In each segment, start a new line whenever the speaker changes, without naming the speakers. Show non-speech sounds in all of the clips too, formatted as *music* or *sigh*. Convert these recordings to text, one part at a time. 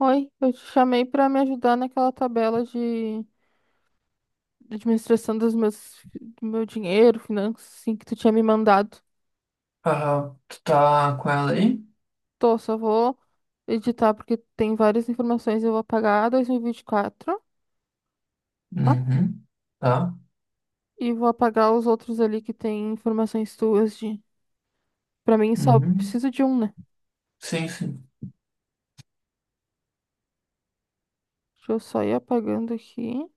Oi, eu te chamei para me ajudar naquela tabela de administração do meu dinheiro, finanças, assim, que tu tinha me mandado.
Tu tá com ela aí?
Tô, só vou editar porque tem várias informações. Eu vou apagar 2024, tá?
Uhum. Tá.
E vou apagar os outros ali que tem informações tuas de. Pra mim, só
Uhum.
preciso de um, né?
Sim, sim.
Deixa eu só ir apagando aqui.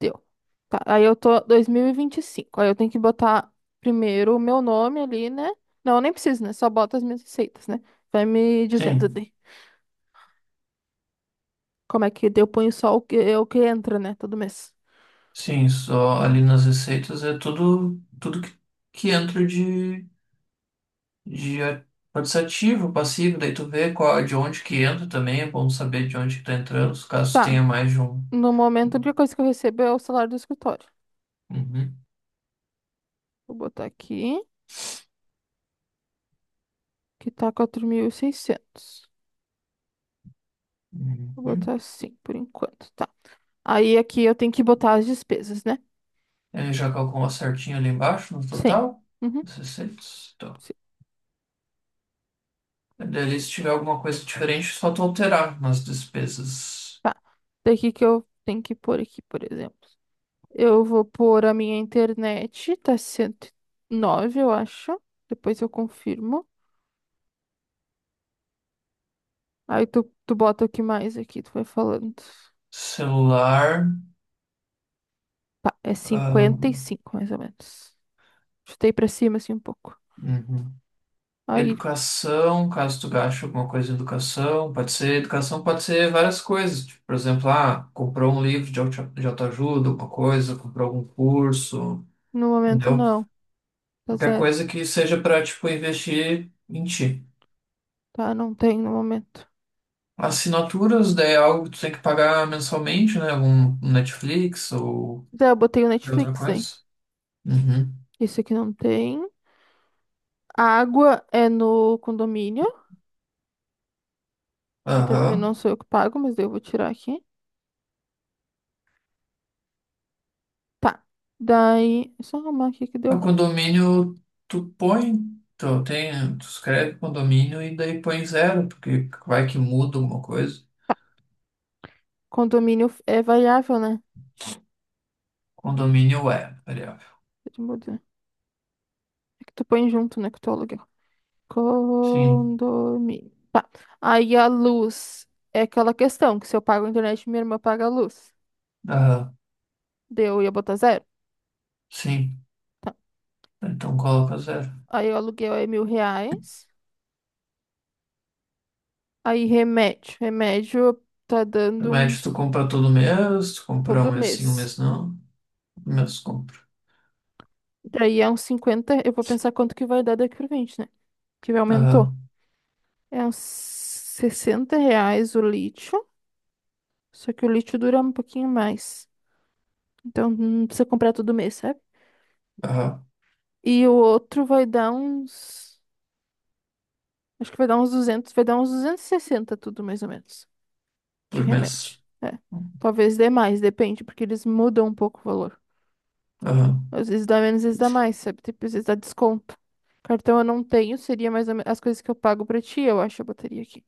Deu. Tá, aí eu tô dois mil e vinte e cinco. Aí eu tenho que botar primeiro o meu nome ali, né? Não, eu nem preciso, né? Só bota as minhas receitas, né? Vai me dizendo
Sim.
de como é que eu ponho só o que, é o que entra, né? Todo mês.
Sim, só ali nas receitas é tudo que entra de pode ser ativo, passivo, daí tu vê qual, de onde que entra também, é bom saber de onde que tá entrando, caso
Tá.
tenha mais de um.
No momento, a única coisa que eu recebo é o salário do escritório.
Uhum.
Vou botar aqui, que tá 4.600. Vou botar
Uhum.
assim, por enquanto, tá. Aí aqui eu tenho que botar as despesas, né?
Ele já calculou certinho ali embaixo no
Sim.
total?
Uhum,
As receitas? Tá.
sim.
Daí ali, se tiver alguma coisa diferente, é só tu alterar nas despesas.
Tá. Daqui que eu tenho que pôr aqui, por exemplo. Eu vou pôr a minha internet, tá 109 eu acho. Depois eu confirmo. Aí tu bota o que mais aqui, tu vai falando.
Celular.
Tá, é
Ah,
55 mais ou menos. Chutei pra cima, assim, um pouco.
uhum.
Aí,
Educação, caso tu gaste alguma coisa em educação pode ser várias coisas, tipo, por exemplo, comprou um livro de autoajuda, alguma coisa, comprou algum curso,
no momento,
entendeu?
não. Tá
Qualquer
zero.
coisa que seja para, tipo, investir em ti.
Tá, não tem no momento.
Assinaturas, daí é algo que tu tem que pagar mensalmente, né? Algum Netflix ou
Tá, eu botei o
outra
Netflix, hein?
coisa. Uhum.
Isso aqui não tem. A água é no condomínio, que também não
Aham.
sou eu que pago, mas daí eu vou tirar aqui. Tá. Daí, é só arrumar aqui que
É
deu.
o condomínio, tu põe, tu, tem, tu escreve condomínio e daí põe zero, porque vai que muda alguma coisa.
Condomínio é variável, né?
Condomínio é variável.
Deixa eu mudar. É que tu põe junto, né? Que tu aluga.
Sim,
Condomínio. Tá. Aí a luz é aquela questão que se eu pago a internet, minha irmã paga a luz.
aham,
Deu, eu ia botar zero.
sim.
Tá.
Então coloca zero.
Aí o aluguel é R$ 1.000. Aí remédio. Remédio tá
No
dando
médio, tu
uns
compra todo mês, tu compra um
todo
mês sim, um
mês.
mês não. Um mês compra.
Daí é uns 50. Eu vou pensar quanto que vai dar daqui pra frente, né? Que aumentou.
Aham,
É uns R$ 60 o lítio. Só que o lítio dura um pouquinho mais. Então não precisa comprar todo mês, sabe?
aham,
E o outro vai dar uns. Acho que vai dar uns 200, vai dar uns 260 tudo mais ou menos de
por
remédio.
mês.
É. Talvez dê mais, depende, porque eles mudam um pouco o valor.
Aham,
Às vezes dá menos, às vezes dá mais, sabe? Tipo, às vezes dá desconto. Cartão eu não tenho, seria mais ou menos as coisas que eu pago pra ti, eu acho, eu botaria aqui.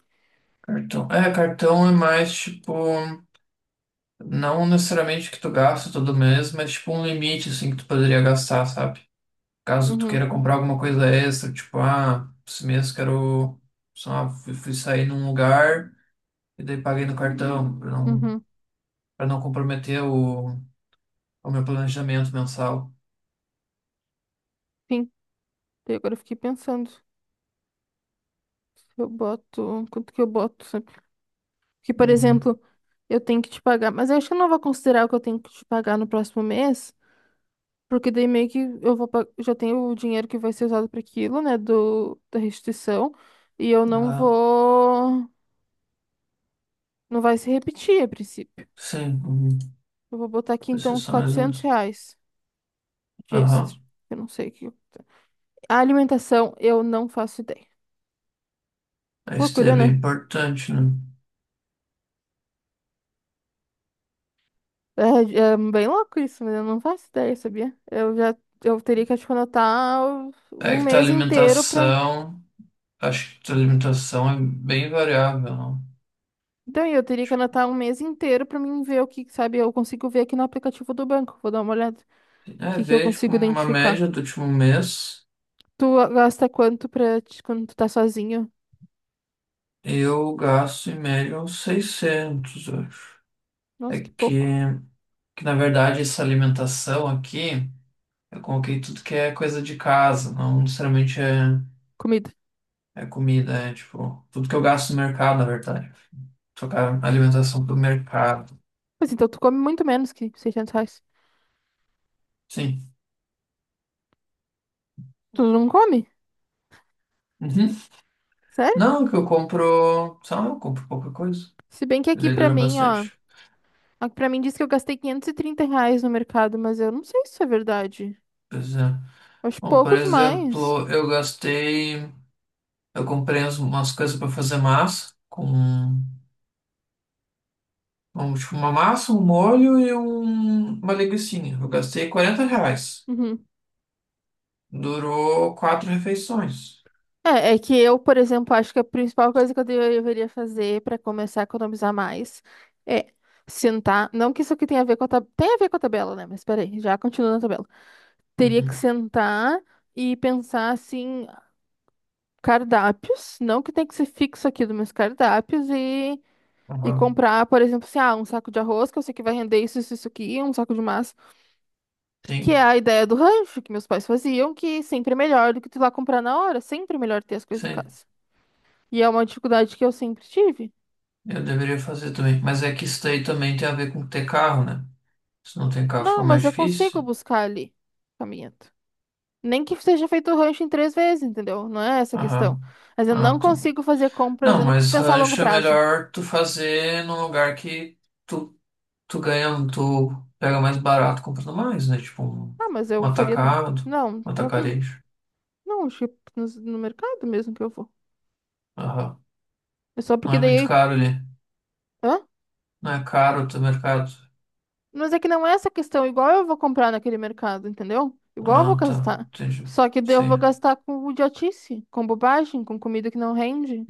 cartão. É, cartão é mais tipo, não necessariamente que tu gasta todo mês, mas tipo um limite assim que tu poderia gastar, sabe? Caso tu
Uhum,
queira comprar alguma coisa extra, tipo, esse mês quero, sei lá, fui sair num lugar e daí paguei no cartão, para não,
uhum.
para não comprometer o meu planejamento mensal.
Sim. Daí agora eu fiquei pensando. Eu boto. Quanto que eu boto, sabe? Porque, por
Uhum.
exemplo, eu tenho que te pagar, mas eu acho que eu não vou considerar o que eu tenho que te pagar no próximo mês. Porque daí meio que já tenho o dinheiro que vai ser usado para aquilo, né, do da restituição, e eu não
Ah,
vou não vai se repetir a princípio.
sim, uhum.
Eu vou botar aqui então uns
Precisa mais ou
400
menos.
reais de extra.
Aham.
Eu não sei o que. A alimentação eu não faço ideia.
Isso é
Loucura,
bem
né?
importante, né?
É, é bem louco isso, mas eu não faço ideia, sabia? Eu teria que acho que anotar
É
um
que tua
mês inteiro para.
alimentação, acho que tua alimentação é bem variável, não?
Então, eu teria que anotar um mês inteiro para mim ver o que, sabe, eu consigo ver aqui no aplicativo do banco. Vou dar uma olhada.
Tipo, é
Que eu
ver, tipo,
consigo
uma
identificar?
média do último mês.
Tu gasta quanto quando tu tá sozinho?
Eu gasto em média uns 600 eu acho. É
Nossa, que
que,
pouco.
que, na verdade, essa alimentação aqui, eu coloquei tudo que é coisa de casa, não necessariamente é,
Comida.
é comida, é tipo, tudo que eu gasto no mercado, na verdade. Trocar alimentação pelo mercado.
Mas então tu come muito menos que R$ 600.
Sim.
Tu não come?
Uhum.
Sério?
Não, que eu compro, sei lá, eu compro pouca coisa.
Se bem que
E
aqui
daí
pra
dura
mim, ó.
bastante.
Aqui pra mim diz que eu gastei R$ 530 no mercado, mas eu não sei se isso é verdade.
Pois é.
Eu acho
Bom, por
pouco demais.
exemplo, eu comprei umas coisas para fazer massa com Um, tipo, uma massa, um molho e uma linguicinha. Eu gastei R$ 40.
Uhum.
Durou quatro refeições.
É que eu, por exemplo, acho que a principal coisa que deveria fazer pra começar a economizar mais é sentar. Não que isso aqui tenha a ver com a tabela. Tem a ver com a tabela, né? Mas peraí, já continua na tabela. Teria que
Uhum.
sentar e pensar assim, cardápios, não que tem que ser fixo aquilo, mas cardápios e
Aham.
comprar, por exemplo, assim, ah, um saco de arroz, que eu sei que vai render isso, isso, isso aqui, um saco de massa, que é
Sim,
a ideia do rancho que meus pais faziam, que sempre é melhor do que tu ir lá comprar na hora, sempre é melhor ter as coisas em
sim.
casa. E é uma dificuldade que eu sempre tive.
Eu deveria fazer também. Mas é que isso daí também tem a ver com ter carro, né? Se não tem carro, fica
Não,
mais
mas eu
difícil.
consigo buscar ali, caminhando. Nem que seja feito o rancho em três vezes, entendeu? Não é essa a questão.
Aham.
Mas eu não
Ah, tá.
consigo fazer compras,
Não,
eu não consigo
mas
pensar a longo
rancho é
prazo.
melhor tu fazer num lugar que tu, tu ganha, tu pega mais barato comprando mais, né? Tipo, um,
Ah, mas
um
eu faria no.
atacado,
Não,
um
próprio.
atacarejo.
Não, acho que no mercado mesmo que eu vou.
Aham.
É só
Não
porque
é muito
daí.
caro ali.
Hã?
Não é caro o teu mercado?
Mas é que não é essa questão. Igual eu vou comprar naquele mercado, entendeu? Igual eu vou
Ah, tá.
gastar.
Entendi.
Só que daí eu vou
Sim.
gastar com idiotice, com bobagem, com comida que não rende.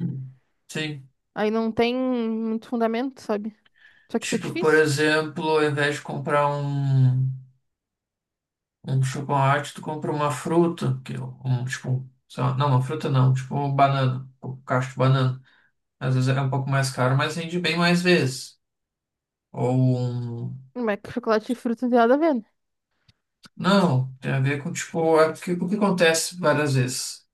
Sim.
Aí não tem muito fundamento, sabe? Só que isso é
Tipo, por
difícil.
exemplo, ao invés de comprar um chocolate, tu compra uma fruta, que é um, tipo, sei lá, não, uma fruta não, tipo uma banana, um cacho de banana. Às vezes é um pouco mais caro, mas rende bem mais vezes. Ou um...
Mas é que chocolate e fruta não tem nada a ver, né?
Não, tem a ver com, tipo, é o que acontece várias vezes.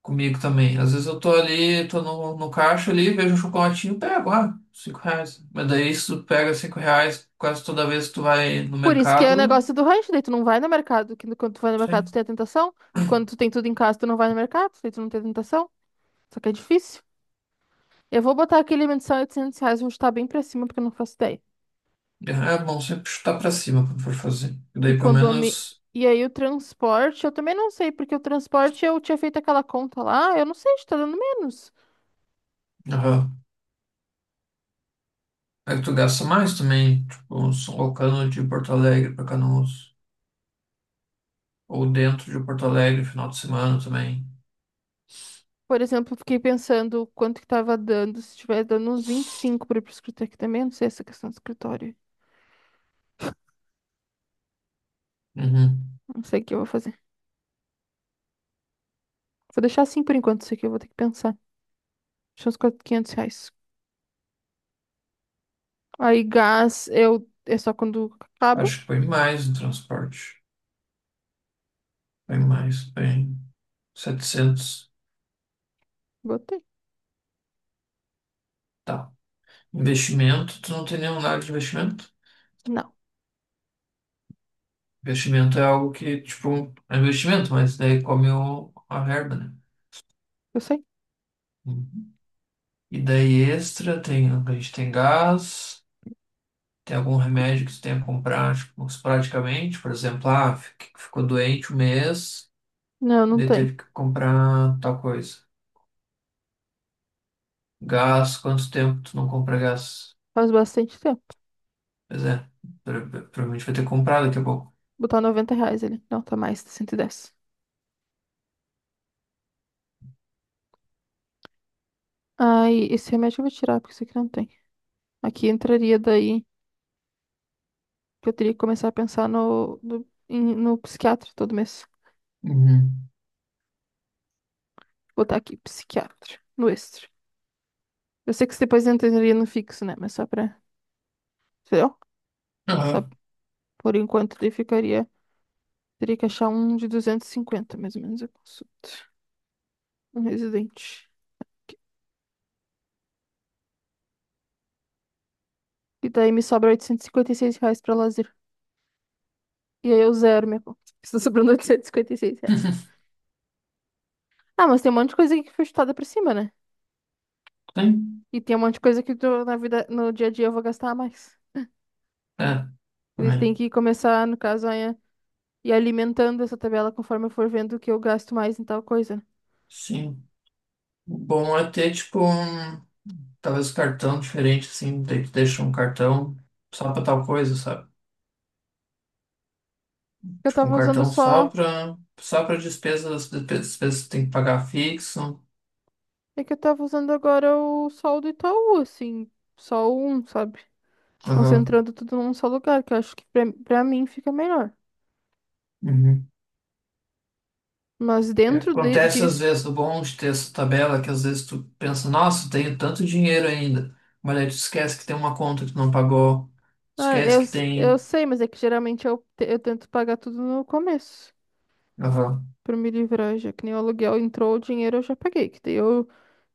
Comigo também. Às vezes eu tô ali, tô no caixa ali, vejo um chocolatinho, pego, ah, R$ 5. Mas daí se tu pega R$ 5 quase toda vez que tu vai no
Por isso que é o
mercado,
negócio do rancho. Daí tu não vai no mercado. Que Quando tu vai no mercado,
sei.
tu tem a tentação. Quando tu tem tudo em casa, tu não vai no mercado. Daí tu não tem a tentação. Só que é difícil. Eu vou botar aqui limite de só R$ 800, vou estar bem pra cima, porque eu não faço ideia.
É bom sempre chutar pra cima quando for fazer.
E
Daí pelo
condomínio.
menos,
E aí o transporte, eu também não sei, porque o transporte eu tinha feito aquela conta lá, eu não sei se tá dando menos.
aham. Aí tu gasta mais também, tipo, uns locando de Porto Alegre pra Canoas. Ou dentro de Porto Alegre, final de semana também.
Por exemplo, eu fiquei pensando quanto que tava dando, se estiver dando uns 25 pra ir pro escritório aqui também, eu não sei essa questão do escritório.
Uhum.
Não sei o que eu vou fazer. Vou deixar assim por enquanto, isso aqui eu vou ter que pensar. Deixa uns 400, R$ 500. Aí gás, eu. É só quando acaba?
Acho que foi mais no transporte. Foi mais, bem 700.
Botei.
Investimento, tu não tem nenhum lado de investimento?
Não,
Investimento é algo que, tipo, é investimento, mas daí come a verba, né?
eu sei.
Uhum. E daí extra, a gente tem gás, tem algum remédio que tu tenha que comprar, tipo, esporadicamente, por exemplo, ficou doente um mês,
Não, não
daí
tem.
teve que comprar tal coisa. Gás, quanto tempo tu não compra gás?
Faz bastante tempo.
Pois é, provavelmente vai ter que comprar daqui a pouco.
Botar R$ 90 ali. Não, tá mais, tá 110. Aí, esse remédio eu vou tirar, porque isso aqui não tem. Aqui entraria daí que eu teria que começar a pensar no psiquiatra todo mês.
Uhum.
Botar aqui, psiquiatra, no extra. Eu sei que isso depois entraria no fixo, né? Mas só pra. Entendeu? Só
Aham.
por enquanto ele ficaria. Teria que achar um de 250 mais ou menos, eu consulto. Um residente. E daí me sobra oitocentos e cinquenta e seis reais pra lazer. E aí eu zero minha conta. *laughs* Está sobrando oitocentos e cinquenta e seis reais.
*laughs*
Ah, mas tem um monte de coisa aqui que foi chutada pra cima, né?
Tem?
E tem um monte de coisa que tu, na vida, no dia a dia eu vou gastar mais.
É,
Ele tem
também.
que começar, no caso, a ir alimentando essa tabela conforme eu for vendo que eu gasto mais em tal coisa.
Sim. Bom é ter, tipo, talvez um cartão diferente, assim, daí tu deixa um cartão só pra tal coisa, sabe?
Eu
Tipo, um
tava usando
cartão só
só.
pra, só pra despesas que tem que pagar fixo.
É que eu tava usando agora o sol do Itaú, assim. Só um, sabe?
Aham.
Concentrando tudo num só lugar, que eu acho que pra mim fica melhor.
Uhum.
Mas
É,
dentro
acontece às
disso.
vezes, o bom de ter essa tabela, é que às vezes tu pensa, nossa, eu tenho tanto dinheiro ainda, mas aí tu esquece que tem uma conta que tu não pagou,
Ah,
esquece que
eu
tem...
sei, mas é que geralmente eu tento pagar tudo no começo.
Aham,
Pra me livrar, já que nem o aluguel entrou, o dinheiro eu já paguei. Que daí eu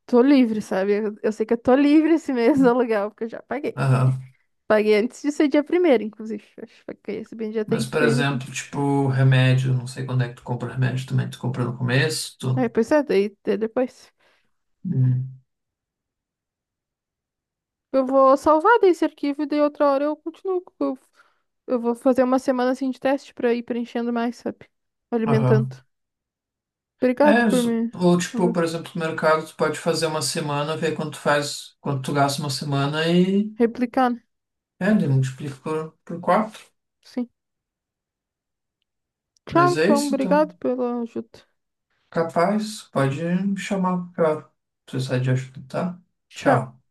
tô livre, sabe? Eu sei que eu tô livre esse mês do aluguel, porque eu já paguei.
aham.
Paguei antes de ser dia primeiro, inclusive. Acho que paguei esse bem dia
Mas,
trinta
por
Paguei dia
exemplo,
trinta
tipo, remédio, não sei quando é que tu compra remédio também, tu compra no começo,
Aí,
tu...
pois é, daí depois. Eu vou salvar desse arquivo e daí outra hora eu continuo. Eu vou fazer uma semana assim de teste pra ir preenchendo mais, sabe?
Aham.
Alimentando. Obrigado
É,
por me
ou tipo, por exemplo, no mercado, tu pode fazer uma semana, ver quanto tu faz, quanto tu gasta uma semana e
replicar, né?
é, daí multiplica por quatro.
Sim. Tchau,
Mas é
então,
isso,
obrigado
então.
pela ajuda.
Capaz, pode me chamar, claro. Se precisar de ajuda, tá?
Tchau.
Tchau.